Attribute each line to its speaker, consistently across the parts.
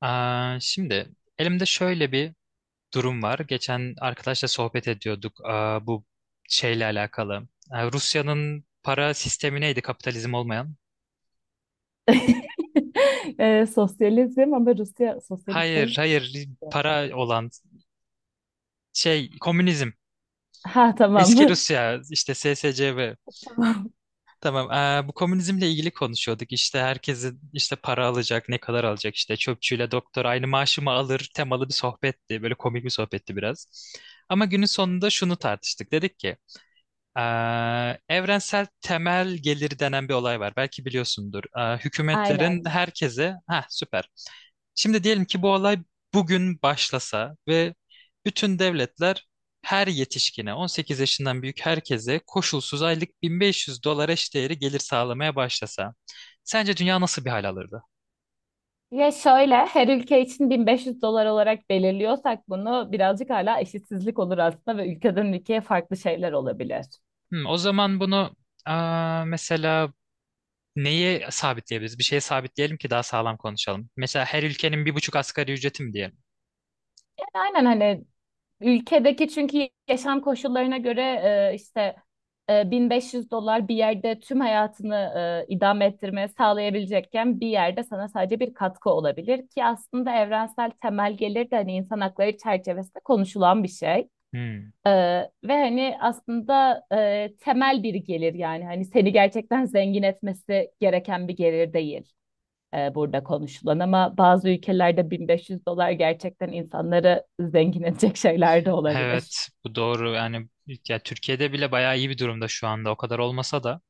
Speaker 1: Şimdi elimde şöyle bir durum var. Geçen arkadaşla sohbet ediyorduk, bu şeyle alakalı. Rusya'nın para sistemi neydi, kapitalizm olmayan?
Speaker 2: Sosyalizm ama Rusya sosyalist
Speaker 1: Hayır,
Speaker 2: değil.
Speaker 1: hayır,
Speaker 2: Ki.
Speaker 1: para olan şey komünizm.
Speaker 2: Ha tamam.
Speaker 1: Eski Rusya işte SSCB.
Speaker 2: Tamam.
Speaker 1: Tamam. Bu komünizmle ilgili konuşuyorduk. İşte herkesin işte para alacak, ne kadar alacak, işte çöpçüyle doktor aynı maaşı mı alır temalı bir sohbetti. Böyle komik bir sohbetti biraz. Ama günün sonunda şunu tartıştık. Dedik ki evrensel temel gelir denen bir olay var. Belki biliyorsundur. Hükümetlerin
Speaker 2: Aynen.
Speaker 1: herkese... Ha, süper. Şimdi diyelim ki bu olay bugün başlasa ve bütün devletler her yetişkine, 18 yaşından büyük herkese, koşulsuz aylık 1500 dolar eşdeğeri gelir sağlamaya başlasa. Sence dünya nasıl bir hal alırdı?
Speaker 2: Ya şöyle her ülke için 1500 dolar olarak belirliyorsak bunu birazcık hala eşitsizlik olur aslında ve ülkeden ülkeye farklı şeyler olabilir.
Speaker 1: O zaman bunu mesela neye sabitleyebiliriz? Bir şeye sabitleyelim ki daha sağlam konuşalım. Mesela her ülkenin bir buçuk asgari ücreti mi diyelim?
Speaker 2: Aynen hani ülkedeki çünkü yaşam koşullarına göre işte 1500 dolar bir yerde tüm hayatını idame ettirmeye sağlayabilecekken bir yerde sana sadece bir katkı olabilir ki aslında evrensel temel gelir de hani insan hakları çerçevesinde konuşulan bir şey.
Speaker 1: Hmm.
Speaker 2: E, ve hani aslında temel bir gelir yani hani seni gerçekten zengin etmesi gereken bir gelir değil burada konuşulan ama bazı ülkelerde 1500 dolar gerçekten insanları zengin edecek şeyler de olabilir.
Speaker 1: Evet, bu doğru. Yani ya, Türkiye'de bile bayağı iyi bir durumda şu anda. O kadar olmasa da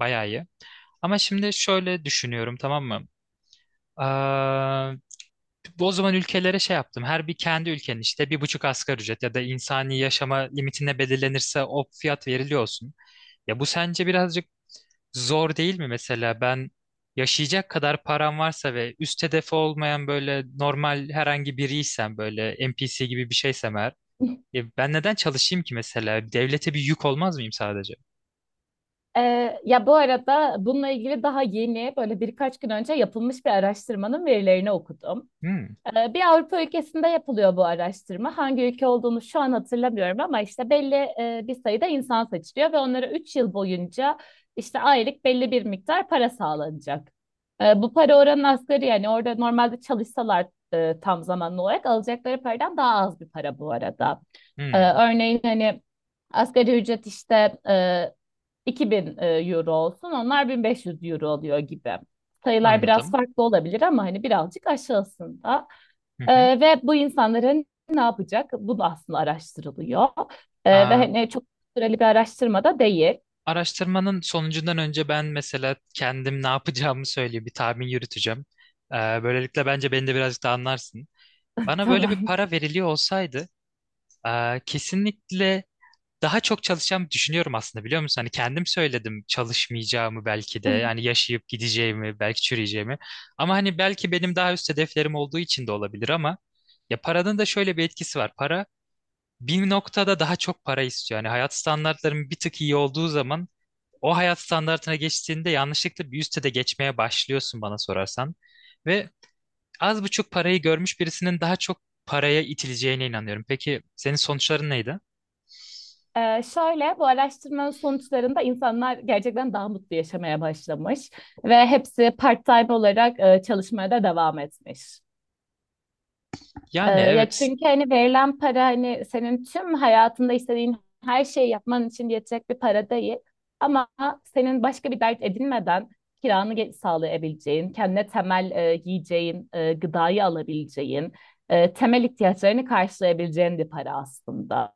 Speaker 1: bayağı iyi. Ama şimdi şöyle düşünüyorum, tamam mı? Aa, Bu o zaman ülkelere şey yaptım. Her bir kendi ülkenin işte bir buçuk asgari ücret ya da insani yaşama limitine belirlenirse o fiyat veriliyor olsun. Ya bu sence birazcık zor değil mi mesela? Ben yaşayacak kadar param varsa ve üst hedefi olmayan, böyle normal herhangi biriysem, böyle NPC gibi bir şeysem eğer, ya ben neden çalışayım ki mesela? Devlete bir yük olmaz mıyım sadece?
Speaker 2: E, ya bu arada bununla ilgili daha yeni böyle birkaç gün önce yapılmış bir araştırmanın verilerini okudum.
Speaker 1: Hmm,
Speaker 2: Bir Avrupa ülkesinde yapılıyor bu araştırma. Hangi ülke olduğunu şu an hatırlamıyorum ama işte belli bir sayıda insan seçiliyor ve onlara 3 yıl boyunca işte aylık belli bir miktar para sağlanacak. Bu para oranın asgari yani orada normalde çalışsalar tam zamanlı olarak alacakları paradan daha az bir para bu arada.
Speaker 1: hmm,
Speaker 2: Örneğin hani asgari ücret işte 2000 euro olsun onlar 1500 euro oluyor gibi sayılar biraz
Speaker 1: anladım.
Speaker 2: farklı olabilir ama hani birazcık aşağısında.
Speaker 1: Hı hı.
Speaker 2: Ve bu insanların ne yapacak? Bu da aslında araştırılıyor. Ve
Speaker 1: Aa,
Speaker 2: hani çok süreli bir araştırma da değil.
Speaker 1: Araştırmanın sonucundan önce ben mesela kendim ne yapacağımı söyleyeyim, bir tahmin yürüteceğim. Ee, Böylelikle bence beni de birazcık da anlarsın. Bana böyle bir
Speaker 2: Tamam.
Speaker 1: para veriliyor olsaydı, kesinlikle daha çok çalışacağımı düşünüyorum aslında, biliyor musun? Hani kendim söyledim çalışmayacağımı, belki de yani yaşayıp gideceğimi, belki çürüyeceğimi, ama hani belki benim daha üst hedeflerim olduğu için de olabilir. Ama ya paranın da şöyle bir etkisi var. Para bir noktada daha çok para istiyor. Yani hayat standartların bir tık iyi olduğu zaman, o hayat standartına geçtiğinde yanlışlıkla bir üste de geçmeye başlıyorsun bana sorarsan. Ve az buçuk parayı görmüş birisinin daha çok paraya itileceğine inanıyorum. Peki senin sonuçların neydi?
Speaker 2: Şöyle bu araştırmanın sonuçlarında insanlar gerçekten daha mutlu yaşamaya başlamış ve hepsi part-time olarak çalışmaya da devam etmiş.
Speaker 1: Yani,
Speaker 2: Ya
Speaker 1: evet.
Speaker 2: çünkü hani verilen para hani senin tüm hayatında istediğin her şeyi yapman için yetecek bir para değil. Ama senin başka bir dert edinmeden kiranı sağlayabileceğin, kendine temel giyeceğin, gıdayı alabileceğin, temel ihtiyaçlarını karşılayabileceğin bir para aslında.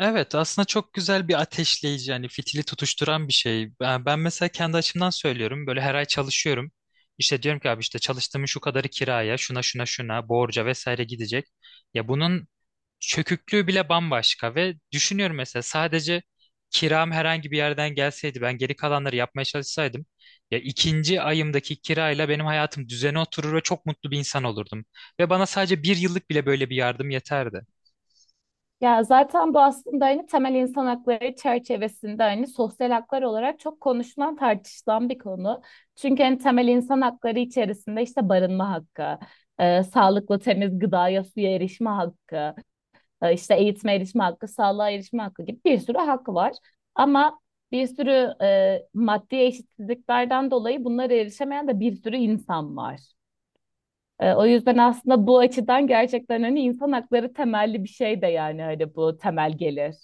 Speaker 1: Evet, aslında çok güzel bir ateşleyici, yani fitili tutuşturan bir şey. Ben mesela kendi açımdan söylüyorum, böyle her ay çalışıyorum. İşte diyorum ki, abi işte çalıştığımın şu kadarı kiraya, şuna, şuna, şuna, borca vesaire gidecek. Ya bunun çöküklüğü bile bambaşka. Ve düşünüyorum, mesela sadece kiram herhangi bir yerden gelseydi, ben geri kalanları yapmaya çalışsaydım, ya ikinci ayımdaki kirayla benim hayatım düzene oturur ve çok mutlu bir insan olurdum. Ve bana sadece bir yıllık bile böyle bir yardım yeterdi.
Speaker 2: Ya zaten bu aslında hani temel insan hakları çerçevesinde hani sosyal haklar olarak çok konuşulan tartışılan bir konu. Çünkü hani temel insan hakları içerisinde işte barınma hakkı, sağlıklı temiz gıdaya suya erişme hakkı, işte eğitime erişme hakkı, sağlığa erişme hakkı gibi bir sürü hak var. Ama bir sürü maddi eşitsizliklerden dolayı bunlara erişemeyen de bir sürü insan var. O yüzden aslında bu açıdan gerçekten hani insan hakları temelli bir şey de yani hani bu temel gelir.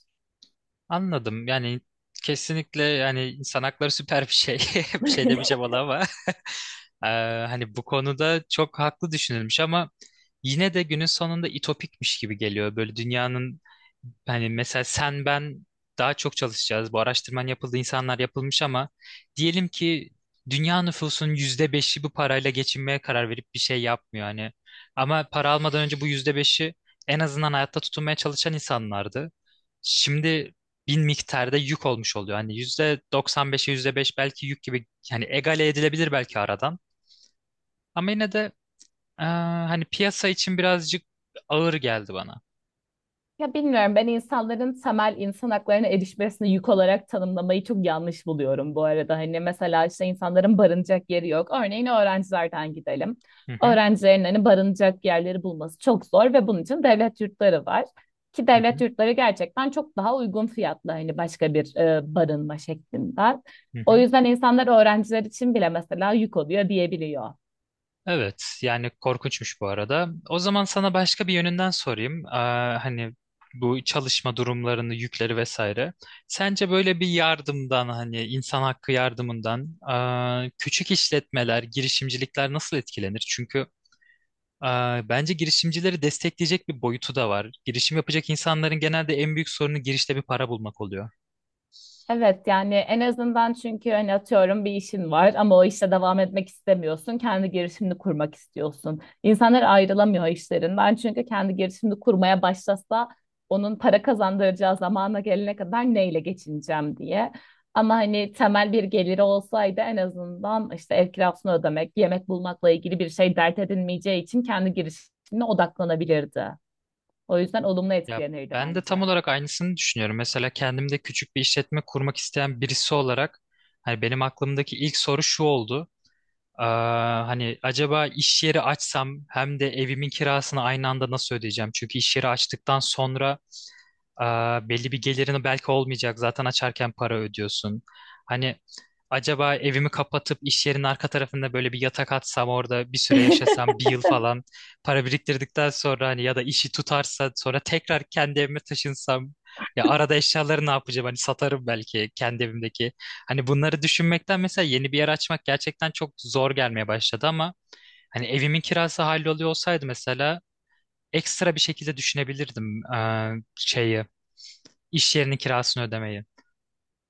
Speaker 1: Anladım. Yani kesinlikle, yani insan hakları süper bir şey, bir şey demeyeceğim ona, ama Ee, hani bu konuda çok haklı düşünülmüş, ama yine de günün sonunda itopikmiş gibi geliyor. Böyle dünyanın, hani mesela sen ben daha çok çalışacağız. Bu araştırman yapıldı, insanlar yapılmış, ama diyelim ki dünya nüfusunun %5'i bu parayla geçinmeye karar verip bir şey yapmıyor hani. Ama para almadan önce bu %5'i en azından hayatta tutunmaya çalışan insanlardı. Şimdi bin miktarda yük olmuş oluyor. Hani yüzde 95'e yüzde beş belki yük gibi, yani egale edilebilir belki aradan. Ama yine de eee, hani piyasa için birazcık ağır geldi bana.
Speaker 2: Ya bilmiyorum ben insanların temel insan haklarına erişmesini yük olarak tanımlamayı çok yanlış buluyorum bu arada. Hani mesela işte insanların barınacak yeri yok. Örneğin öğrencilerden gidelim.
Speaker 1: Hı hı,
Speaker 2: Öğrencilerin hani barınacak yerleri bulması çok zor ve bunun için devlet yurtları var. Ki
Speaker 1: hı
Speaker 2: devlet
Speaker 1: hı,
Speaker 2: yurtları gerçekten çok daha uygun fiyatlı hani başka bir barınma şeklinde.
Speaker 1: hı
Speaker 2: O
Speaker 1: hı.
Speaker 2: yüzden insanlar öğrenciler için bile mesela yük oluyor diyebiliyor.
Speaker 1: Evet, yani korkunçmuş bu arada. O zaman sana başka bir yönünden sorayım. Hani bu çalışma durumlarını, yükleri vesaire. Sence böyle bir yardımdan, hani insan hakkı yardımından, küçük işletmeler, girişimcilikler nasıl etkilenir? Çünkü bence girişimcileri destekleyecek bir boyutu da var. Girişim yapacak insanların genelde en büyük sorunu girişte bir para bulmak oluyor.
Speaker 2: Evet yani en azından çünkü hani atıyorum bir işin var ama o işe devam etmek istemiyorsun. Kendi girişimini kurmak istiyorsun. İnsanlar ayrılamıyor işlerinden çünkü kendi girişimini kurmaya başlasa onun para kazandıracağı zamana gelene kadar neyle geçineceğim diye. Ama hani temel bir geliri olsaydı en azından işte ev kirasını ödemek, yemek bulmakla ilgili bir şey dert edinmeyeceği için kendi girişimine odaklanabilirdi. O yüzden olumlu
Speaker 1: Ya
Speaker 2: etkilenirdi
Speaker 1: ben de
Speaker 2: bence.
Speaker 1: tam olarak aynısını düşünüyorum. Mesela kendimde küçük bir işletme kurmak isteyen birisi olarak, hani benim aklımdaki ilk soru şu oldu. Hani acaba iş yeri açsam hem de evimin kirasını aynı anda nasıl ödeyeceğim? Çünkü iş yeri açtıktan sonra belli bir gelirini belki olmayacak. Zaten açarken para ödüyorsun. Hani acaba evimi kapatıp iş yerinin arka tarafında böyle bir yatak atsam, orada bir süre yaşasam, bir yıl falan para biriktirdikten sonra, hani ya da işi tutarsa sonra tekrar kendi evime taşınsam, ya arada eşyaları ne yapacağım, hani satarım belki kendi evimdeki. Hani bunları düşünmekten mesela yeni bir yer açmak gerçekten çok zor gelmeye başladı. Ama hani evimin kirası halloluyor olsaydı, mesela ekstra bir şekilde düşünebilirdim şeyi, iş yerinin kirasını ödemeyi.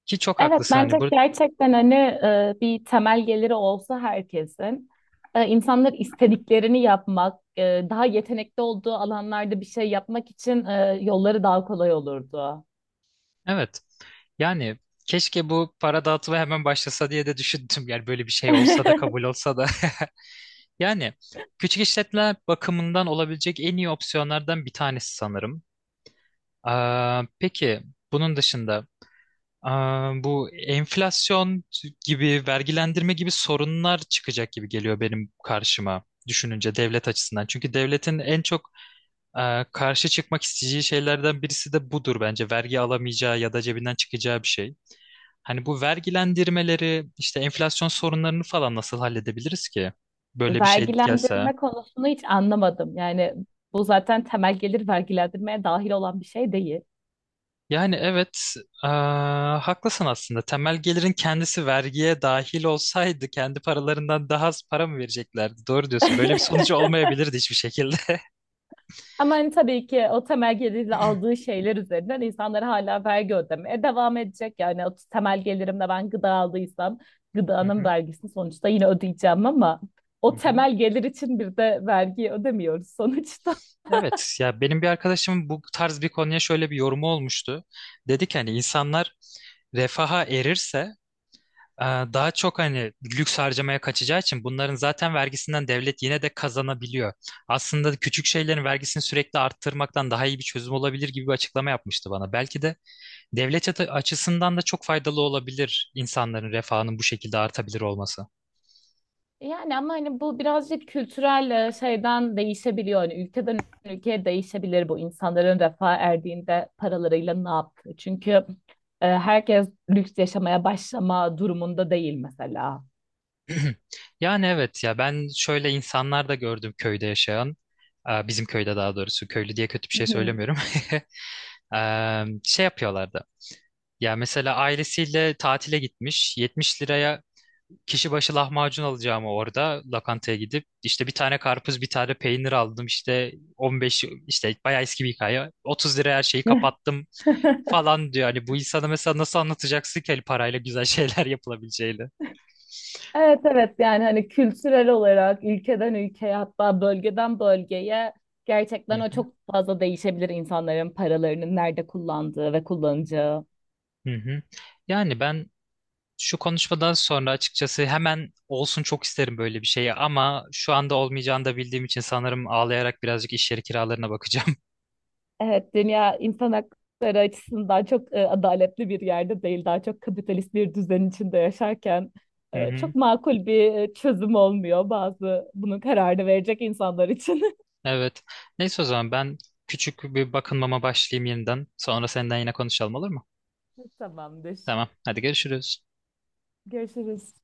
Speaker 1: Ki çok
Speaker 2: Evet
Speaker 1: haklısın
Speaker 2: bence
Speaker 1: hani bu.
Speaker 2: gerçekten hani bir temel geliri olsa herkesin insanlar istediklerini yapmak, daha yetenekli olduğu alanlarda bir şey yapmak için yolları daha kolay olurdu.
Speaker 1: Evet. Yani keşke bu para dağıtımı hemen başlasa diye de düşündüm. Yani böyle bir şey olsa da, kabul olsa da. Yani küçük işletmeler bakımından olabilecek en iyi opsiyonlardan bir tanesi sanırım. Peki bunun dışında bu enflasyon gibi, vergilendirme gibi sorunlar çıkacak gibi geliyor benim karşıma düşününce, devlet açısından. Çünkü devletin en çok karşı çıkmak isteyeceği şeylerden birisi de budur bence. Vergi alamayacağı ya da cebinden çıkacağı bir şey. Hani bu vergilendirmeleri, işte enflasyon sorunlarını falan nasıl halledebiliriz ki? Böyle bir şey gelse.
Speaker 2: Vergilendirme konusunu hiç anlamadım. Yani bu zaten temel gelir vergilendirmeye dahil olan bir şey değil.
Speaker 1: Yani evet, ee, haklısın aslında. Temel gelirin kendisi vergiye dahil olsaydı kendi paralarından daha az para mı vereceklerdi? Doğru diyorsun. Böyle bir sonucu olmayabilirdi hiçbir şekilde.
Speaker 2: Ama hani tabii ki o temel gelirle aldığı şeyler üzerinden insanlar hala vergi ödemeye devam edecek. Yani o temel gelirimle ben gıda aldıysam
Speaker 1: Hı
Speaker 2: gıdanın
Speaker 1: hı,
Speaker 2: vergisini sonuçta yine ödeyeceğim ama
Speaker 1: hı
Speaker 2: o
Speaker 1: hı.
Speaker 2: temel gelir için bir de vergi ödemiyoruz sonuçta.
Speaker 1: Evet, ya benim bir arkadaşımın bu tarz bir konuya şöyle bir yorumu olmuştu. Dedi ki hani, insanlar refaha erirse, daha çok hani lüks harcamaya kaçacağı için bunların zaten vergisinden devlet yine de kazanabiliyor. Aslında küçük şeylerin vergisini sürekli arttırmaktan daha iyi bir çözüm olabilir gibi bir açıklama yapmıştı bana. Belki de devlet açısından da çok faydalı olabilir insanların refahının bu şekilde artabilir olması.
Speaker 2: Yani ama hani bu birazcık kültürel şeyden değişebiliyor. Hani ülkeden ülkeye değişebilir bu insanların refah erdiğinde paralarıyla ne yaptığı. Çünkü herkes lüks yaşamaya başlama durumunda değil mesela.
Speaker 1: Yani evet, ya ben şöyle insanlar da gördüm köyde yaşayan. Bizim köyde, daha doğrusu, köylü diye kötü bir
Speaker 2: Hı
Speaker 1: şey
Speaker 2: hı.
Speaker 1: söylemiyorum. E, Şey yapıyorlardı. Ya mesela ailesiyle tatile gitmiş. 70 liraya kişi başı lahmacun alacağımı orada lokantaya gidip işte bir tane karpuz, bir tane peynir aldım, işte 15, işte bayağı eski bir hikaye. 30 liraya her şeyi kapattım falan diyor. Hani bu insana mesela nasıl anlatacaksın ki hani parayla güzel şeyler yapılabileceğini?
Speaker 2: Evet evet yani hani kültürel olarak ülkeden ülkeye hatta bölgeden bölgeye
Speaker 1: Hı
Speaker 2: gerçekten o
Speaker 1: hı,
Speaker 2: çok fazla değişebilir insanların paralarının nerede kullandığı ve kullanacağı.
Speaker 1: hı hı. Yani ben şu konuşmadan sonra açıkçası hemen olsun çok isterim böyle bir şey, ama şu anda olmayacağını da bildiğim için sanırım ağlayarak birazcık iş yeri kiralarına bakacağım.
Speaker 2: Evet dünya insan hakları açısından çok adaletli bir yerde değil daha çok kapitalist bir düzen içinde yaşarken çok makul bir çözüm olmuyor bazı bunun kararını verecek insanlar için.
Speaker 1: Evet. Neyse, o zaman ben küçük bir bakınmama başlayayım yeniden. Sonra senden yine konuşalım, olur mu?
Speaker 2: Tamamdır.
Speaker 1: Tamam. Hadi görüşürüz.
Speaker 2: Görüşürüz.